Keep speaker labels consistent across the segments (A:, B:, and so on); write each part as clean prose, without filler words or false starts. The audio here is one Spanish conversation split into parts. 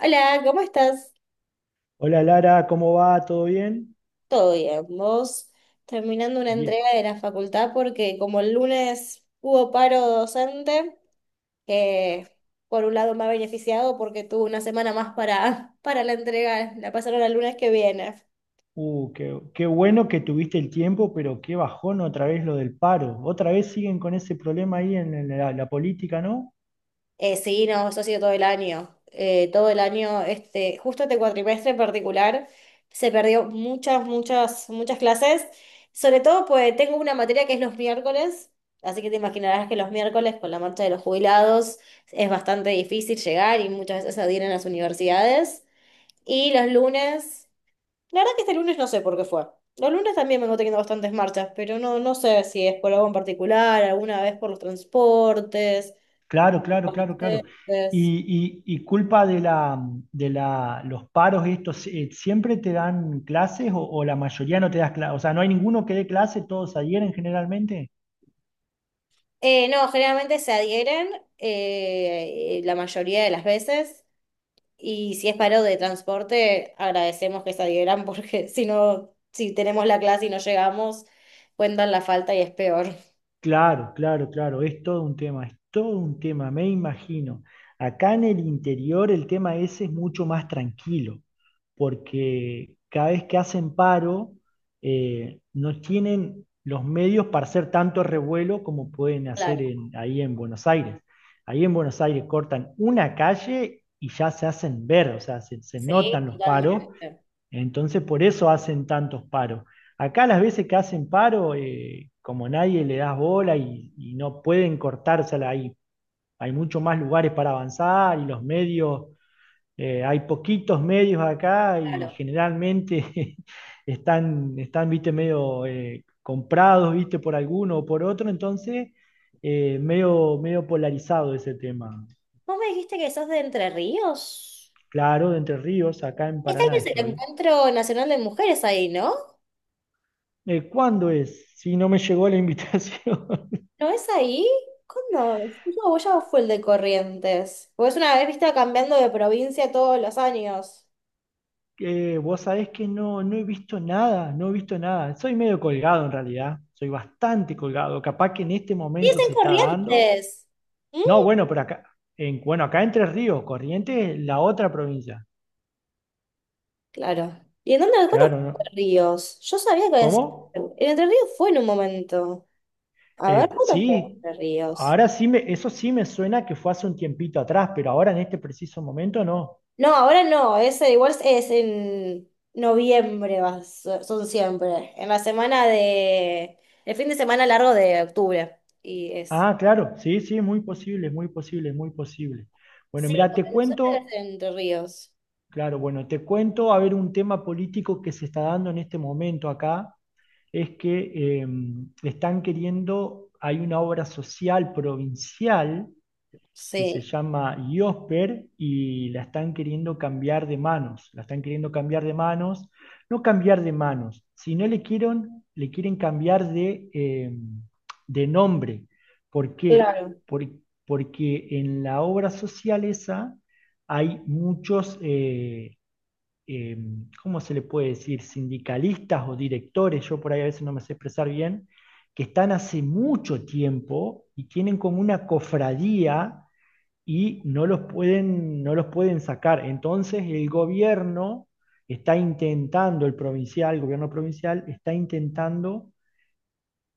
A: Hola, ¿cómo estás?
B: Hola, Lara, ¿cómo va? ¿Todo bien?
A: Todo bien. Vos terminando una
B: Bien.
A: entrega de la facultad porque como el lunes hubo paro docente, que por un lado me ha beneficiado porque tuve una semana más para, para la entrega, la pasaron al lunes que viene.
B: Qué bueno que tuviste el tiempo, pero qué bajón otra vez lo del paro. Otra vez siguen con ese problema ahí en la política, ¿no?
A: Sí, no, eso ha sido todo el año. Todo el año, este, justo este cuatrimestre en particular, se perdió muchas, muchas, muchas clases. Sobre todo, pues tengo una materia que es los miércoles, así que te imaginarás que los miércoles, con la marcha de los jubilados, es bastante difícil llegar y muchas veces adir en las universidades. Y los lunes, la verdad que este lunes no sé por qué fue. Los lunes también vengo teniendo bastantes marchas, pero no, no sé si es por algo en particular, alguna vez por los transportes.
B: Claro, claro, claro, claro.
A: Entonces.
B: Y culpa de los paros estos, ¿siempre te dan clases o la mayoría no te das clases? O sea, ¿no hay ninguno que dé clase? ¿Todos adhieren generalmente?
A: No, generalmente se adhieren la mayoría de las veces y si es paro de transporte, agradecemos que se adhieran porque si no, si tenemos la clase y no llegamos, cuentan la falta y es peor.
B: Claro, claro, claro, es todo un tema, es todo un tema, me imagino. Acá en el interior el tema ese es mucho más tranquilo, porque cada vez que hacen paro, no tienen los medios para hacer tanto revuelo como pueden hacer
A: Claro,
B: en- ahí en Buenos Aires. Ahí en Buenos Aires cortan una calle y ya se hacen ver, o sea, se
A: sí,
B: notan los paros
A: totalmente.
B: entonces, por eso hacen tantos paros. Acá las veces que hacen paro, como nadie le das bola y no pueden cortársela ahí. Hay mucho más lugares para avanzar y los medios, hay poquitos medios acá y
A: Claro.
B: generalmente están, están, viste, medio, comprados, viste, por alguno o por otro. Entonces, medio, medio polarizado ese tema.
A: ¿Vos me dijiste que sos de Entre Ríos?
B: Claro, de Entre Ríos, acá en
A: Este año
B: Paraná
A: es el
B: estoy.
A: Encuentro Nacional de Mujeres ahí, ¿no?
B: ¿Cuándo es? Si no me llegó la invitación.
A: ¿No es ahí? ¿Cuándo? No, vos ya fue el de Corrientes. Porque es una vez, viste, cambiando de provincia todos los años.
B: Vos sabés que no, no he visto nada, no he visto nada. Soy medio colgado en realidad, soy bastante colgado. Capaz que en este
A: Sí, es
B: momento se
A: en
B: está dando.
A: Corrientes. Mm,
B: No, bueno, pero acá, en, bueno, acá Entre Ríos, Corrientes, es la otra provincia.
A: Claro. ¿Y en dónde? ¿Cuántos
B: Claro, ¿no?
A: Ríos? Yo sabía que
B: ¿Cómo?
A: el Entre Ríos fue en un momento. A ver,
B: Pues
A: ¿cuándo fue
B: sí,
A: Entre Ríos?
B: eso sí me suena que fue hace un tiempito atrás, pero ahora en este preciso momento no.
A: No, ahora no, ese igual es en noviembre, va, son siempre. En la semana de... El fin de semana largo de octubre. Y es.
B: Ah, claro, sí, sí, es muy posible, es muy posible, es muy posible. Bueno,
A: Sí,
B: mira, te
A: porque nosotros es
B: cuento.
A: en Entre Ríos.
B: Claro, bueno, te cuento, a ver, un tema político que se está dando en este momento acá es que están queriendo, hay una obra social provincial que se
A: Sí.
B: llama IOSPER y la están queriendo cambiar de manos, la están queriendo cambiar de manos, no cambiar de manos, sino le quieren cambiar de nombre. ¿Por qué?
A: Claro.
B: Por- porque en la obra social esa hay muchos... eh, ¿cómo se le puede decir? Sindicalistas o directores, yo por ahí a veces no me sé expresar bien, que están hace mucho tiempo y tienen como una cofradía y no los pueden, no los pueden sacar. Entonces el gobierno está intentando, el provincial, el gobierno provincial está intentando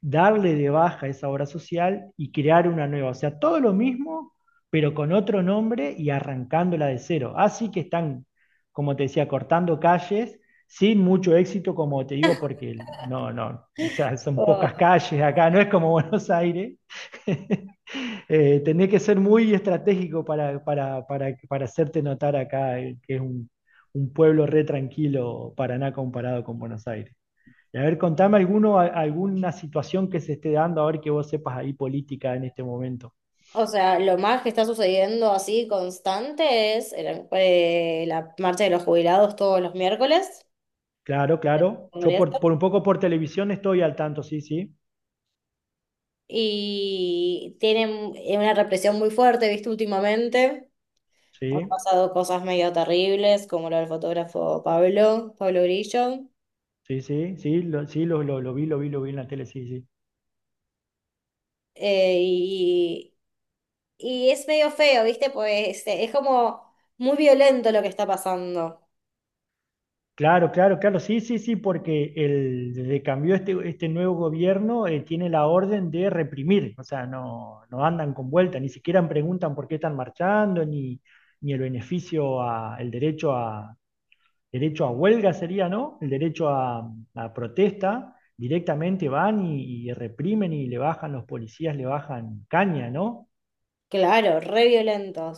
B: darle de baja esa obra social y crear una nueva. O sea, todo lo mismo, pero con otro nombre y arrancándola de cero. Así que están, como te decía, cortando calles sin mucho éxito, como te digo, porque no, no, o sea, son pocas calles acá, no es como Buenos Aires. Tenés que ser muy estratégico para hacerte notar acá, que es un pueblo re tranquilo, Paraná comparado con Buenos Aires. Y a ver, contame alguno, a- alguna situación que se esté dando, a ver que vos sepas ahí política en este momento.
A: O sea, lo más que está sucediendo así constante es la marcha de los jubilados todos los miércoles,
B: Claro, claro. Yo
A: Congreso,
B: por un poco por televisión estoy al tanto, sí, sí.
A: y tienen una represión muy fuerte, ¿viste? Últimamente han
B: Sí,
A: pasado cosas medio terribles, como lo del fotógrafo Pablo Grillo,
B: sí, sí, sí, lo vi, lo vi, lo vi en la tele, sí, sí.
A: eh, y, y es medio feo, ¿viste? Pues es como muy violento lo que está pasando.
B: Claro, claro, claro, sí, sí, sí, porque el, desde que cambió este, este nuevo gobierno, tiene la orden de reprimir, o sea, no, no andan con vuelta, ni siquiera preguntan por qué están marchando, ni, ni el beneficio, a, el derecho a, derecho a huelga sería, ¿no? El derecho a protesta, directamente van y reprimen y le bajan los policías, le bajan caña, ¿no?
A: Claro, re violento.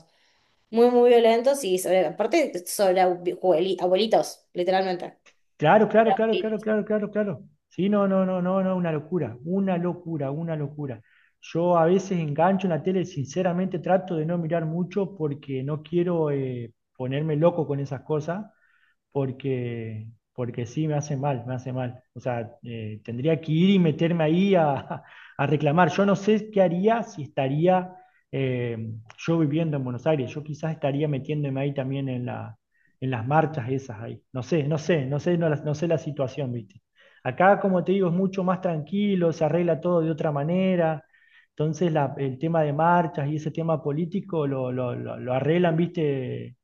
A: Muy, muy violentos y sobre, aparte sobre abuelitos, literalmente.
B: Claro,
A: Sobre
B: claro, claro, claro,
A: abuelitos.
B: claro, claro, claro. Sí, no, no, no, no, no, una locura, una locura, una locura. Yo a veces engancho en la tele, sinceramente trato de no mirar mucho porque no quiero, ponerme loco con esas cosas. Porque, porque sí me hace mal, me hace mal. O sea, tendría que ir y meterme ahí a, a reclamar. Yo no sé qué haría si estaría eh, yo viviendo en Buenos Aires. Yo quizás estaría metiéndome ahí también en la, en las marchas esas ahí. No sé, no sé, no sé, no, la- no sé la situación, ¿viste? Acá, como te digo, es mucho más tranquilo, se arregla todo de otra manera. Entonces, la- el tema de marchas y ese tema político lo arreglan, ¿viste?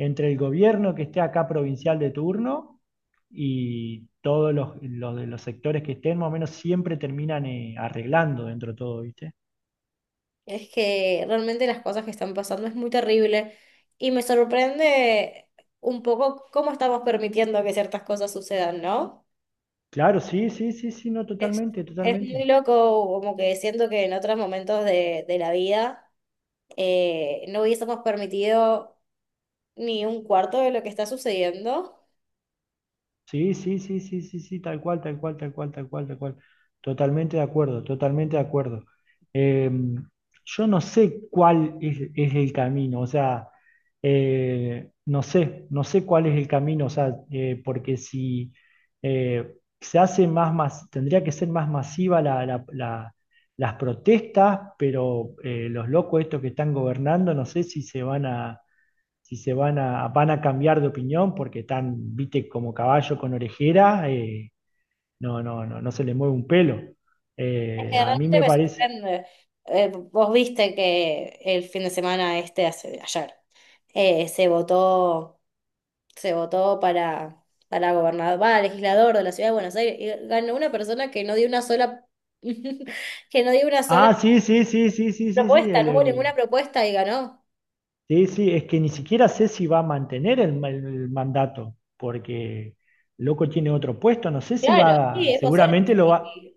B: Entre el gobierno que esté acá provincial de turno y todos los de los sectores que estén, más o menos siempre terminan, arreglando dentro de todo, ¿viste?
A: Es que realmente las cosas que están pasando es muy terrible y me sorprende un poco cómo estamos permitiendo que ciertas cosas sucedan, ¿no?
B: Claro, sí, sí, sí, sí, no,
A: Es,
B: totalmente,
A: es muy
B: totalmente.
A: loco, como que siento que en otros momentos de la vida no hubiésemos permitido ni un cuarto de lo que está sucediendo.
B: Sí, sí, sí, sí, sí, sí, tal cual, tal cual, tal cual, tal cual, tal cual. Totalmente de acuerdo, totalmente de acuerdo. Eh, yo no sé cuál es el camino, o sea, no sé, no sé cuál es el camino, o sea, porque si se hace más, mas- tendría que ser más masiva las protestas, pero los locos estos que están gobernando, no sé si se van a si se van a, van a cambiar de opinión porque están, viste, como caballo con orejera, no, no, no, no se le mueve un pelo.
A: Es que
B: A mí
A: realmente
B: me
A: me
B: parece.
A: sorprende. Vos viste que el fin de semana este, hace, ayer, eh, se votó, se votó para gobernador, va, legislador de la ciudad de Buenos Aires, y ganó una persona que no dio una sola, que no dio una sola
B: Ah, sí, sí, sí, sí, sí, sí, sí,
A: propuesta, no hubo ninguna
B: el-
A: propuesta y ganó.
B: sí, sí, es que ni siquiera sé si va a mantener el, ma- el mandato, porque loco tiene otro puesto, no sé si
A: Claro, sí,
B: va,
A: es posible.
B: seguramente lo va,
A: Sí.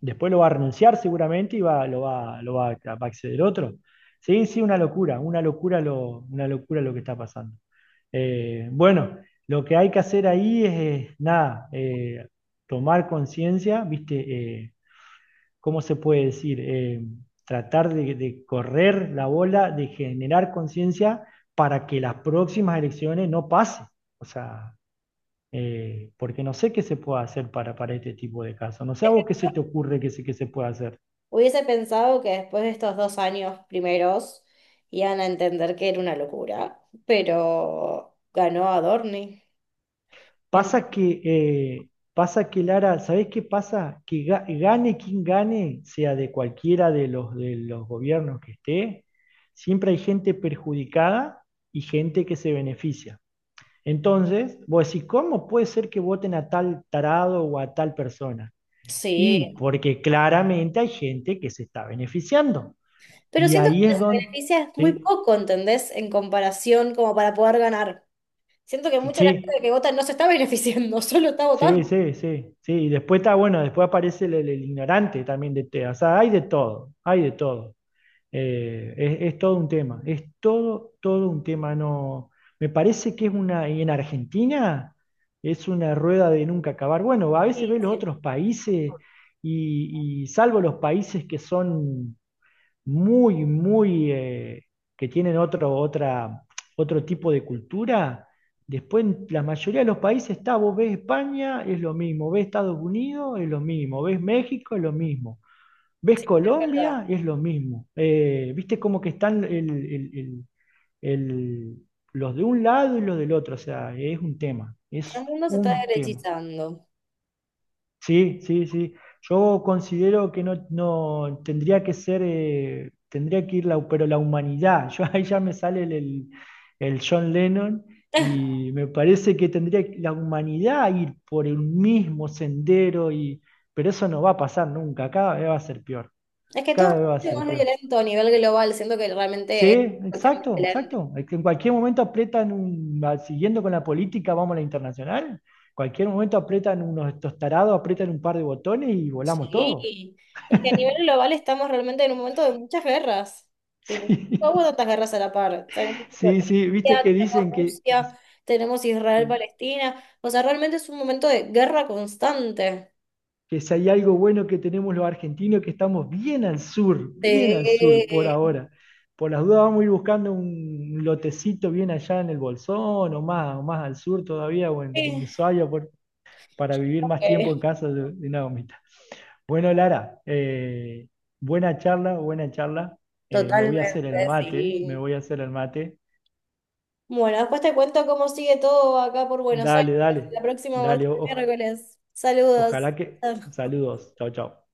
B: después lo va a renunciar seguramente y va, lo va, lo va, a- va a acceder otro. Sí, sí, una locura lo que está pasando. Bueno, lo que hay que hacer ahí es, nada, tomar conciencia, ¿viste? Eh, ¿Cómo se puede decir? Tratar de correr la bola, de generar conciencia para que las próximas elecciones no pasen. O sea, porque no sé qué se puede hacer para este tipo de casos. No sé a vos qué se te ocurre que se puede hacer.
A: Hubiese pensado que después de estos dos años primeros iban a entender que era una locura, pero ganó Adorni.
B: Pasa que, pasa que, Lara, ¿sabés qué pasa? Que ga- gane quien gane, sea de cualquiera de los gobiernos que esté, siempre hay gente perjudicada y gente que se beneficia. Entonces, vos decís, ¿cómo puede ser que voten a tal tarado o a tal persona?
A: Sí,
B: Y porque claramente hay gente que se está beneficiando.
A: pero
B: Y
A: siento que
B: ahí es
A: les
B: donde...
A: beneficia muy
B: Sí,
A: poco, ¿entendés? En comparación como para poder ganar. Siento que mucha de la
B: sí,
A: gente que vota no se está beneficiando, solo está
B: sí,
A: votando.
B: sí, sí, sí. Y después está, bueno, después aparece el ignorante también de TEA. O sea, hay de todo, hay de todo. Es todo un tema, es todo, todo un tema. No, me parece que es una, y en Argentina es una rueda de nunca acabar. Bueno, a
A: Sí,
B: veces ves los
A: sí,
B: otros países y salvo los países que son muy, muy, que tienen otro, otra, otro tipo de cultura. Después, en la mayoría de los países está, vos ves España, es lo mismo, ves Estados Unidos, es lo mismo, ves México, es lo mismo, ves
A: sí, es verdad.
B: Colombia, es lo mismo. Viste como que están el- los de un lado y los del otro, o sea, es un tema,
A: El
B: es
A: mundo se está
B: un tema.
A: derechizando.
B: Sí, sí, sí. Yo considero que no, no tendría que ser, tendría que ir la, pero la humanidad. Yo ahí ya me sale el John Lennon y me parece que tendría que la humanidad ir por el mismo sendero y, pero eso no va a pasar nunca. Cada vez va a ser peor.
A: Es que todo
B: Cada vez va a
A: es
B: ser
A: mucho más
B: peor.
A: violento a nivel global, siento que
B: Sí,
A: realmente es cuestión de
B: exacto,
A: violencia.
B: exacto. Es que en cualquier momento aprietan, un- va- siguiendo con la política, vamos a la internacional. Cualquier momento aprietan unos estos tarados, aprietan un par de botones y volamos todo.
A: Sí, es que a nivel global estamos realmente en un momento de muchas guerras. Tipo, no hubo tantas guerras a la par. Tenemos
B: sí, sí, viste
A: Turquía,
B: que
A: tenemos
B: dicen que
A: Rusia, tenemos Israel,
B: sí,
A: Palestina. O sea, realmente es un momento de guerra constante.
B: que si hay algo bueno que tenemos los argentinos, que estamos bien al sur
A: Sí,
B: por ahora. Por las dudas vamos a ir buscando un lotecito bien allá en el Bolsón o más al sur todavía, o en
A: sí,
B: Ushuaia por- para vivir más
A: ok.
B: tiempo en casa de Naomi. Bueno, Lara, buena charla, buena charla. Me voy a hacer el
A: Totalmente,
B: mate, me
A: sí.
B: voy a hacer el mate.
A: Bueno, después te cuento cómo sigue todo acá por Buenos Aires
B: Dale,
A: la
B: dale,
A: próxima
B: dale.
A: martes y
B: O-
A: miércoles. Saludos.
B: ojalá que... Saludos. Chao, chao.